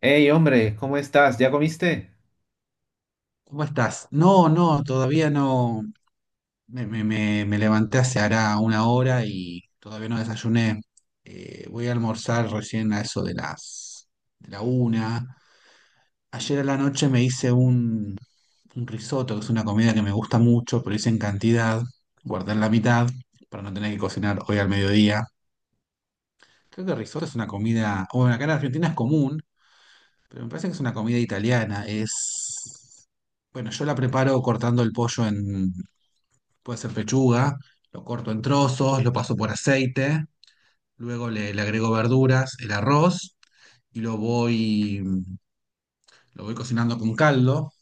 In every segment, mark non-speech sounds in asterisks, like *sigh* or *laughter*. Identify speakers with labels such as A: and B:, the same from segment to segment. A: Hey, hombre, ¿cómo estás? ¿Ya comiste?
B: ¿Cómo estás? No, no, todavía no. Me levanté hace hará una hora y todavía no desayuné. Voy a almorzar recién a eso de las de la una. Ayer a la noche me hice un risotto, que es una comida que me gusta mucho, pero hice en cantidad. Guardé la mitad para no tener que cocinar hoy al mediodía. Creo que el risotto es una comida, bueno, acá en Argentina es común, pero me parece que es una comida italiana. Es bueno, yo la preparo cortando el pollo. Puede ser pechuga, lo corto en trozos, lo paso por aceite, luego le agrego verduras, el arroz y lo voy cocinando con caldo.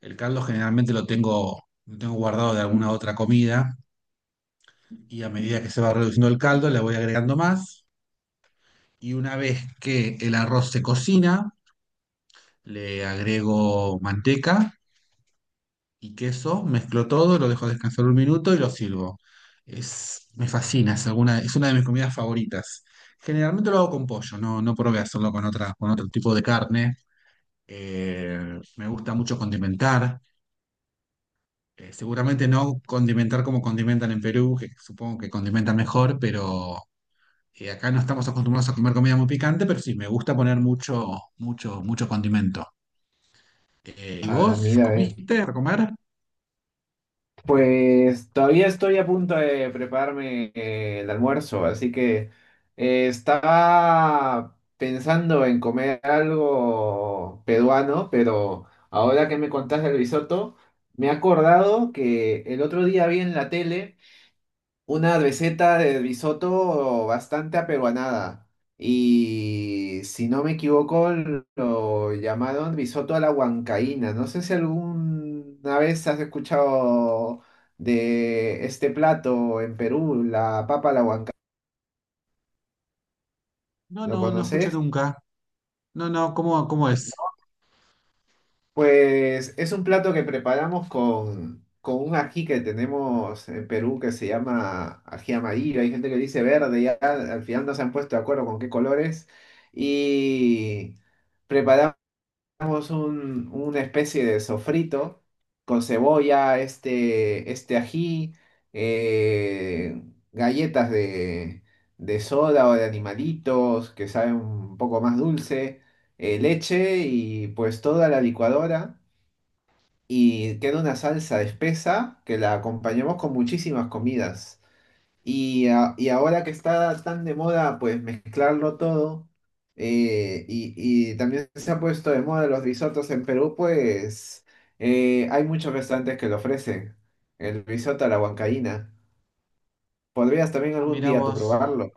B: El caldo generalmente lo tengo guardado de alguna otra comida y a medida que se va reduciendo el caldo le voy agregando más. Y una vez que el arroz se cocina, le agrego manteca y queso, mezclo todo, lo dejo descansar un minuto y lo sirvo. Es, me fascina, es, alguna, es una de mis comidas favoritas. Generalmente lo hago con pollo, no, no probé hacerlo con otra, con otro tipo de carne. Me gusta mucho condimentar. Seguramente no condimentar como condimentan en Perú, que supongo que condimentan mejor, pero acá no estamos acostumbrados a comer comida muy picante, pero sí, me gusta poner mucho, mucho condimento. ¿Y
A: Ah,
B: vos
A: mira,
B: comiste para comer?
A: pues todavía estoy a punto de prepararme el almuerzo, así que estaba pensando en comer algo peruano, pero ahora que me contaste el risotto, me he acordado que el otro día vi en la tele una receta de risotto bastante aperuanada. Y si no me equivoco, lo llamaron risotto a la huancaína. No sé si alguna vez has escuchado de este plato en Perú, la papa a la huancaína.
B: No,
A: ¿Lo
B: no, no escucho
A: conoces?
B: nunca. No, no, ¿cómo, cómo es?
A: Pues es un plato que preparamos con un ají que tenemos en Perú que se llama ají amarillo. Hay gente que dice verde, ya al final no se han puesto de acuerdo con qué colores. Y preparamos una especie de sofrito con cebolla, este ají, eh, galletas de soda o de animalitos que saben un poco más dulce, leche y pues toda la licuadora y queda una salsa espesa que la acompañamos con muchísimas comidas. Y ahora que está tan de moda, pues mezclarlo todo, y también se ha puesto de moda los risotos en Perú, pues hay muchos restaurantes que lo ofrecen. El risotto a la huancaína. Podrías también
B: Ah,
A: algún
B: mira
A: día tú
B: vos.
A: probarlo.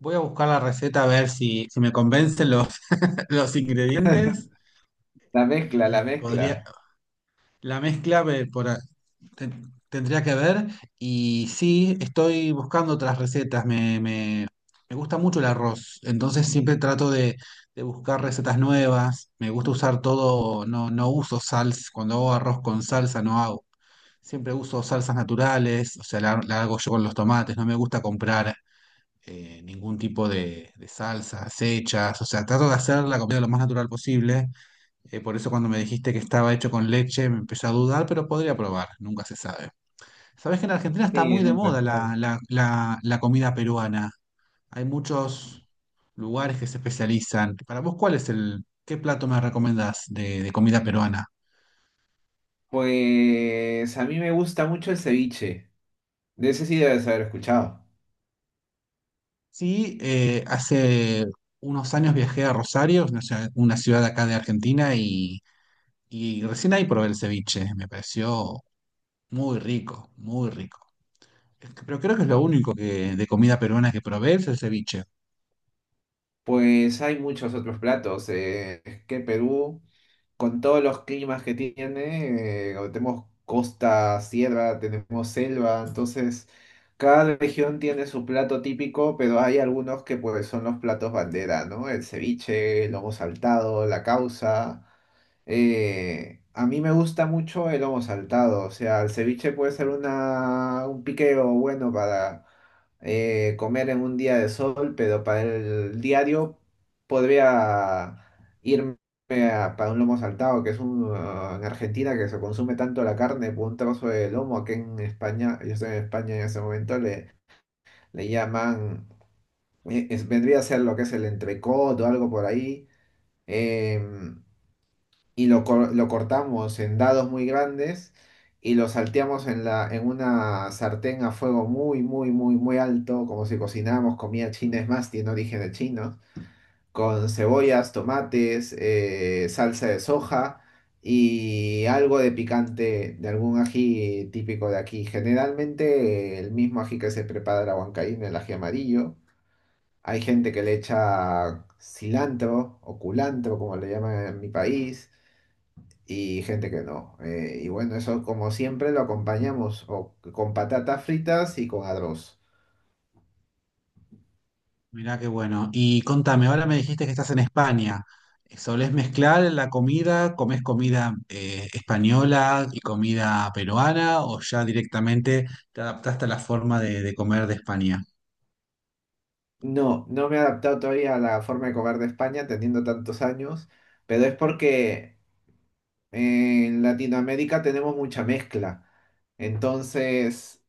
B: Voy a buscar la receta a ver si me convencen *laughs* los ingredientes
A: La mezcla, la
B: y
A: mezcla.
B: podría, la mezcla tendría que ver. Y sí, estoy buscando otras recetas. Me gusta mucho el arroz, entonces siempre trato de buscar recetas nuevas. Me gusta usar todo, no, no uso salsa. Cuando hago arroz con salsa no hago. Siempre uso salsas naturales, o sea, la hago yo con los tomates, no me gusta comprar ningún tipo de salsas hechas, o sea, trato de hacer la comida lo más natural posible. Por eso cuando me dijiste que estaba hecho con leche me empecé a dudar, pero podría probar, nunca se sabe. Sabes que en Argentina está
A: Sí,
B: muy
A: en
B: de
A: un
B: moda
A: restaurante.
B: la comida peruana. Hay muchos lugares que se especializan. Para vos, ¿cuál es el, qué plato me recomendás de comida peruana?
A: Pues a mí me gusta mucho el ceviche. De ese sí debes haber escuchado.
B: Sí, hace unos años viajé a Rosario, una ciudad acá de Argentina, y recién ahí probé el ceviche, me pareció muy rico, muy rico. Es que, pero creo que es lo único que, de comida peruana que probé es el ceviche.
A: Pues hay muchos otros platos. Es que Perú, con todos los climas que tiene, tenemos costa, sierra, tenemos selva, entonces cada región tiene su plato típico, pero hay algunos que pues son los platos bandera, ¿no? El ceviche, el lomo saltado, la causa. A mí me gusta mucho el lomo saltado, o sea, el ceviche puede ser un piqueo bueno para comer en un día de sol, pero para el diario podría irme para un lomo saltado, que es un, en Argentina que se consume tanto la carne por un trozo de lomo, aquí en España, yo estoy en España en ese momento, le llaman, vendría a ser lo que es el entrecot o algo por ahí. em, y lo cortamos en dados muy grandes y lo salteamos en una sartén a fuego muy, muy, muy, muy alto, como si cocináramos comida china, es más, tiene origen de chino, con cebollas, tomates, salsa de soja y algo de picante, de algún ají típico de aquí. Generalmente el mismo ají que se prepara la huancaína, el ají amarillo. Hay gente que le echa cilantro o culantro, como le llaman en mi país y gente que no. Y bueno, eso como siempre lo acompañamos o con patatas fritas y con arroz.
B: Mirá qué bueno. Y contame, ahora me dijiste que estás en España. ¿Solés mezclar la comida? ¿Comés comida española y comida peruana? ¿O ya directamente te adaptaste a la forma de comer de España?
A: No, no me he adaptado todavía a la forma de comer de España teniendo tantos años, pero es porque en Latinoamérica tenemos mucha mezcla. Entonces,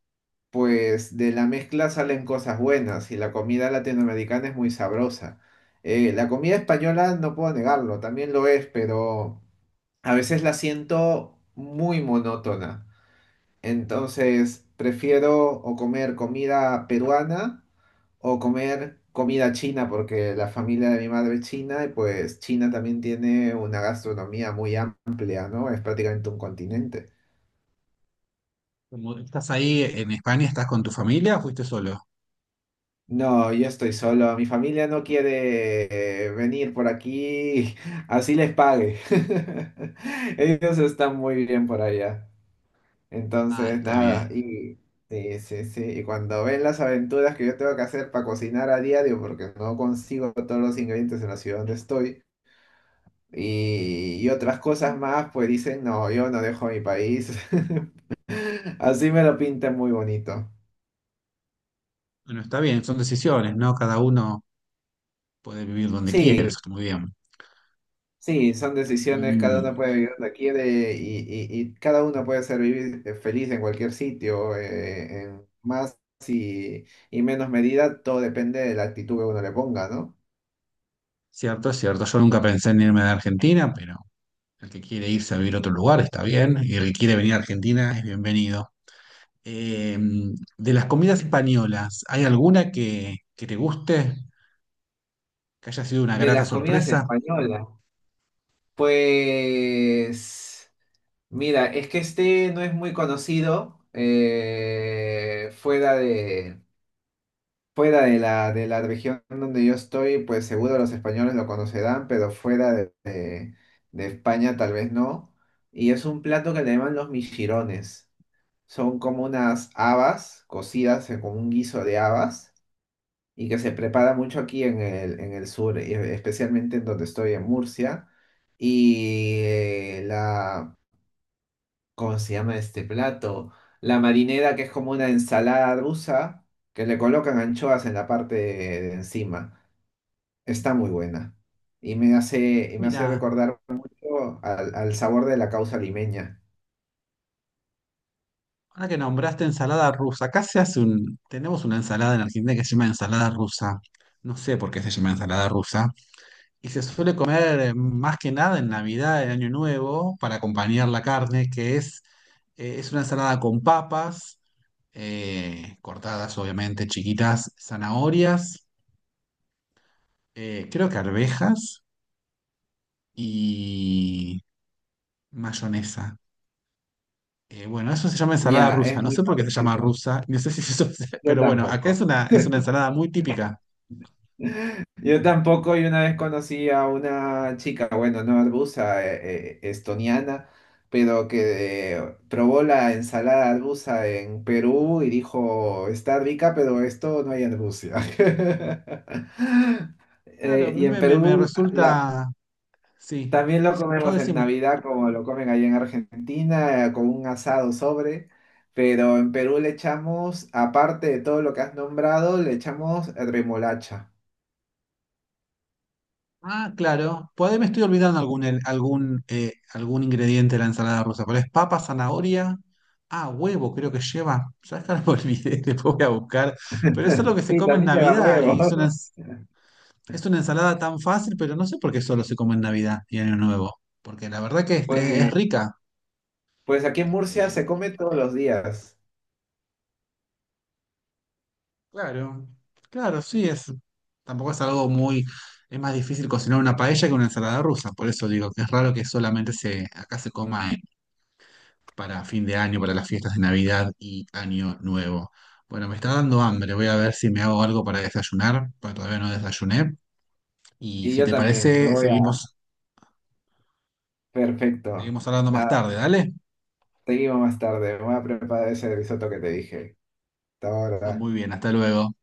A: pues de la mezcla salen cosas buenas y la comida latinoamericana es muy sabrosa. La comida española no puedo negarlo, también lo es, pero a veces la siento muy monótona. Entonces, prefiero o comer comida peruana o comer comida china, porque la familia de mi madre es china y pues China también tiene una gastronomía muy amplia, ¿no? Es prácticamente un continente.
B: Como estás ahí en España, ¿estás con tu familia o fuiste solo?
A: No, yo estoy solo. Mi familia no quiere venir por aquí, *laughs* así les pague. *laughs* Ellos están muy bien por allá.
B: Ah,
A: Entonces,
B: está
A: nada,
B: bien.
A: y sí, sí, sí, y cuando ven las aventuras que yo tengo que hacer para cocinar a diario, porque no consigo todos los ingredientes en la ciudad donde estoy, y otras cosas más, pues dicen, no, yo no dejo mi país. *laughs* Así me lo pintan muy bonito.
B: Bueno, está bien, son decisiones, ¿no? Cada uno puede vivir donde quiere,
A: Sí,
B: eso está muy bien.
A: sí, son decisiones, cada
B: Y
A: uno puede vivir donde quiere y cada uno puede ser vivir feliz en cualquier sitio, en más y, y menos medida, todo depende de la actitud que uno le ponga, ¿no?
B: cierto, es cierto. Yo nunca pensé en irme de Argentina, pero el que quiere irse a vivir a otro lugar está bien, y el que quiere venir a Argentina es bienvenido. Eh, de las comidas españolas, ¿hay alguna que te guste? ¿Que haya sido una
A: De
B: grata
A: las comidas
B: sorpresa?
A: españolas. Pues, mira, es que este no es muy conocido fuera de la región donde yo estoy, pues seguro los españoles lo conocerán, pero de España tal vez no. Y es un plato que le llaman los michirones. Son como unas habas cocidas como un guiso de habas y que se prepara mucho en el sur, y especialmente en donde estoy, en Murcia. Y eh, la, ¿Cómo se llama este plato? La marinera, que es como una ensalada rusa, que le colocan anchoas en la parte de encima. Está muy buena. Y me hace
B: Mira.
A: recordar mucho al sabor de la causa limeña.
B: Ahora que nombraste ensalada rusa, acá se hace un, tenemos una ensalada en Argentina que se llama ensalada rusa. No sé por qué se llama ensalada rusa. Y se suele comer más que nada en Navidad, en Año Nuevo, para acompañar la carne, que es una ensalada con papas, cortadas obviamente, chiquitas, zanahorias, creo que arvejas y mayonesa. Bueno, eso se llama ensalada
A: Ya, es
B: rusa. No
A: muy
B: sé por qué se llama
A: parecida.
B: rusa. *laughs* No sé si eso, *laughs*
A: Yo
B: pero bueno, acá
A: tampoco.
B: es una ensalada muy típica.
A: Yo tampoco, y una vez conocí a una chica, bueno, no arbusa, estoniana, pero que probó la ensalada arbusa en Perú y dijo, está rica, pero esto no hay en Rusia. *laughs*
B: Claro, a
A: Y en
B: me
A: Perú
B: resulta. Sí.
A: también lo
B: No,
A: comemos en
B: decime.
A: Navidad, como lo comen allá en Argentina, con un asado sobre, pero en Perú le echamos, aparte de todo lo que has nombrado, le echamos remolacha.
B: Ah, claro. Por ahí me estoy olvidando algún, algún ingrediente de la ensalada rusa. Pero es papa, zanahoria. Ah, huevo, creo que lleva. Ya acá lo olvidé, *laughs* después voy a buscar. Pero eso es lo que
A: *laughs*
B: se
A: Sí,
B: come en
A: también lleva
B: Navidad.
A: huevo.
B: Y es una,
A: *laughs*
B: ens- es una ensalada tan fácil, pero no sé por qué solo se come en Navidad y Año Nuevo, porque la verdad que es
A: Pues,
B: rica.
A: pues aquí en Murcia
B: Eh,
A: se come todos los días.
B: claro, claro, sí, es, tampoco es algo muy, es más difícil cocinar una paella que una ensalada rusa, por eso digo que es raro que solamente se, acá se coma en para fin de año, para las fiestas de Navidad y Año Nuevo. Bueno, me está dando hambre, voy a ver si me hago algo para desayunar, porque todavía no desayuné. Y
A: Y
B: si
A: yo
B: te
A: también, me
B: parece,
A: voy a... Perfecto.
B: seguimos hablando más
A: Nada,
B: tarde, ¿dale?
A: seguimos más tarde. Me voy a preparar ese risotto que te dije. Hasta
B: Ah, muy
A: ahora.
B: bien, hasta luego.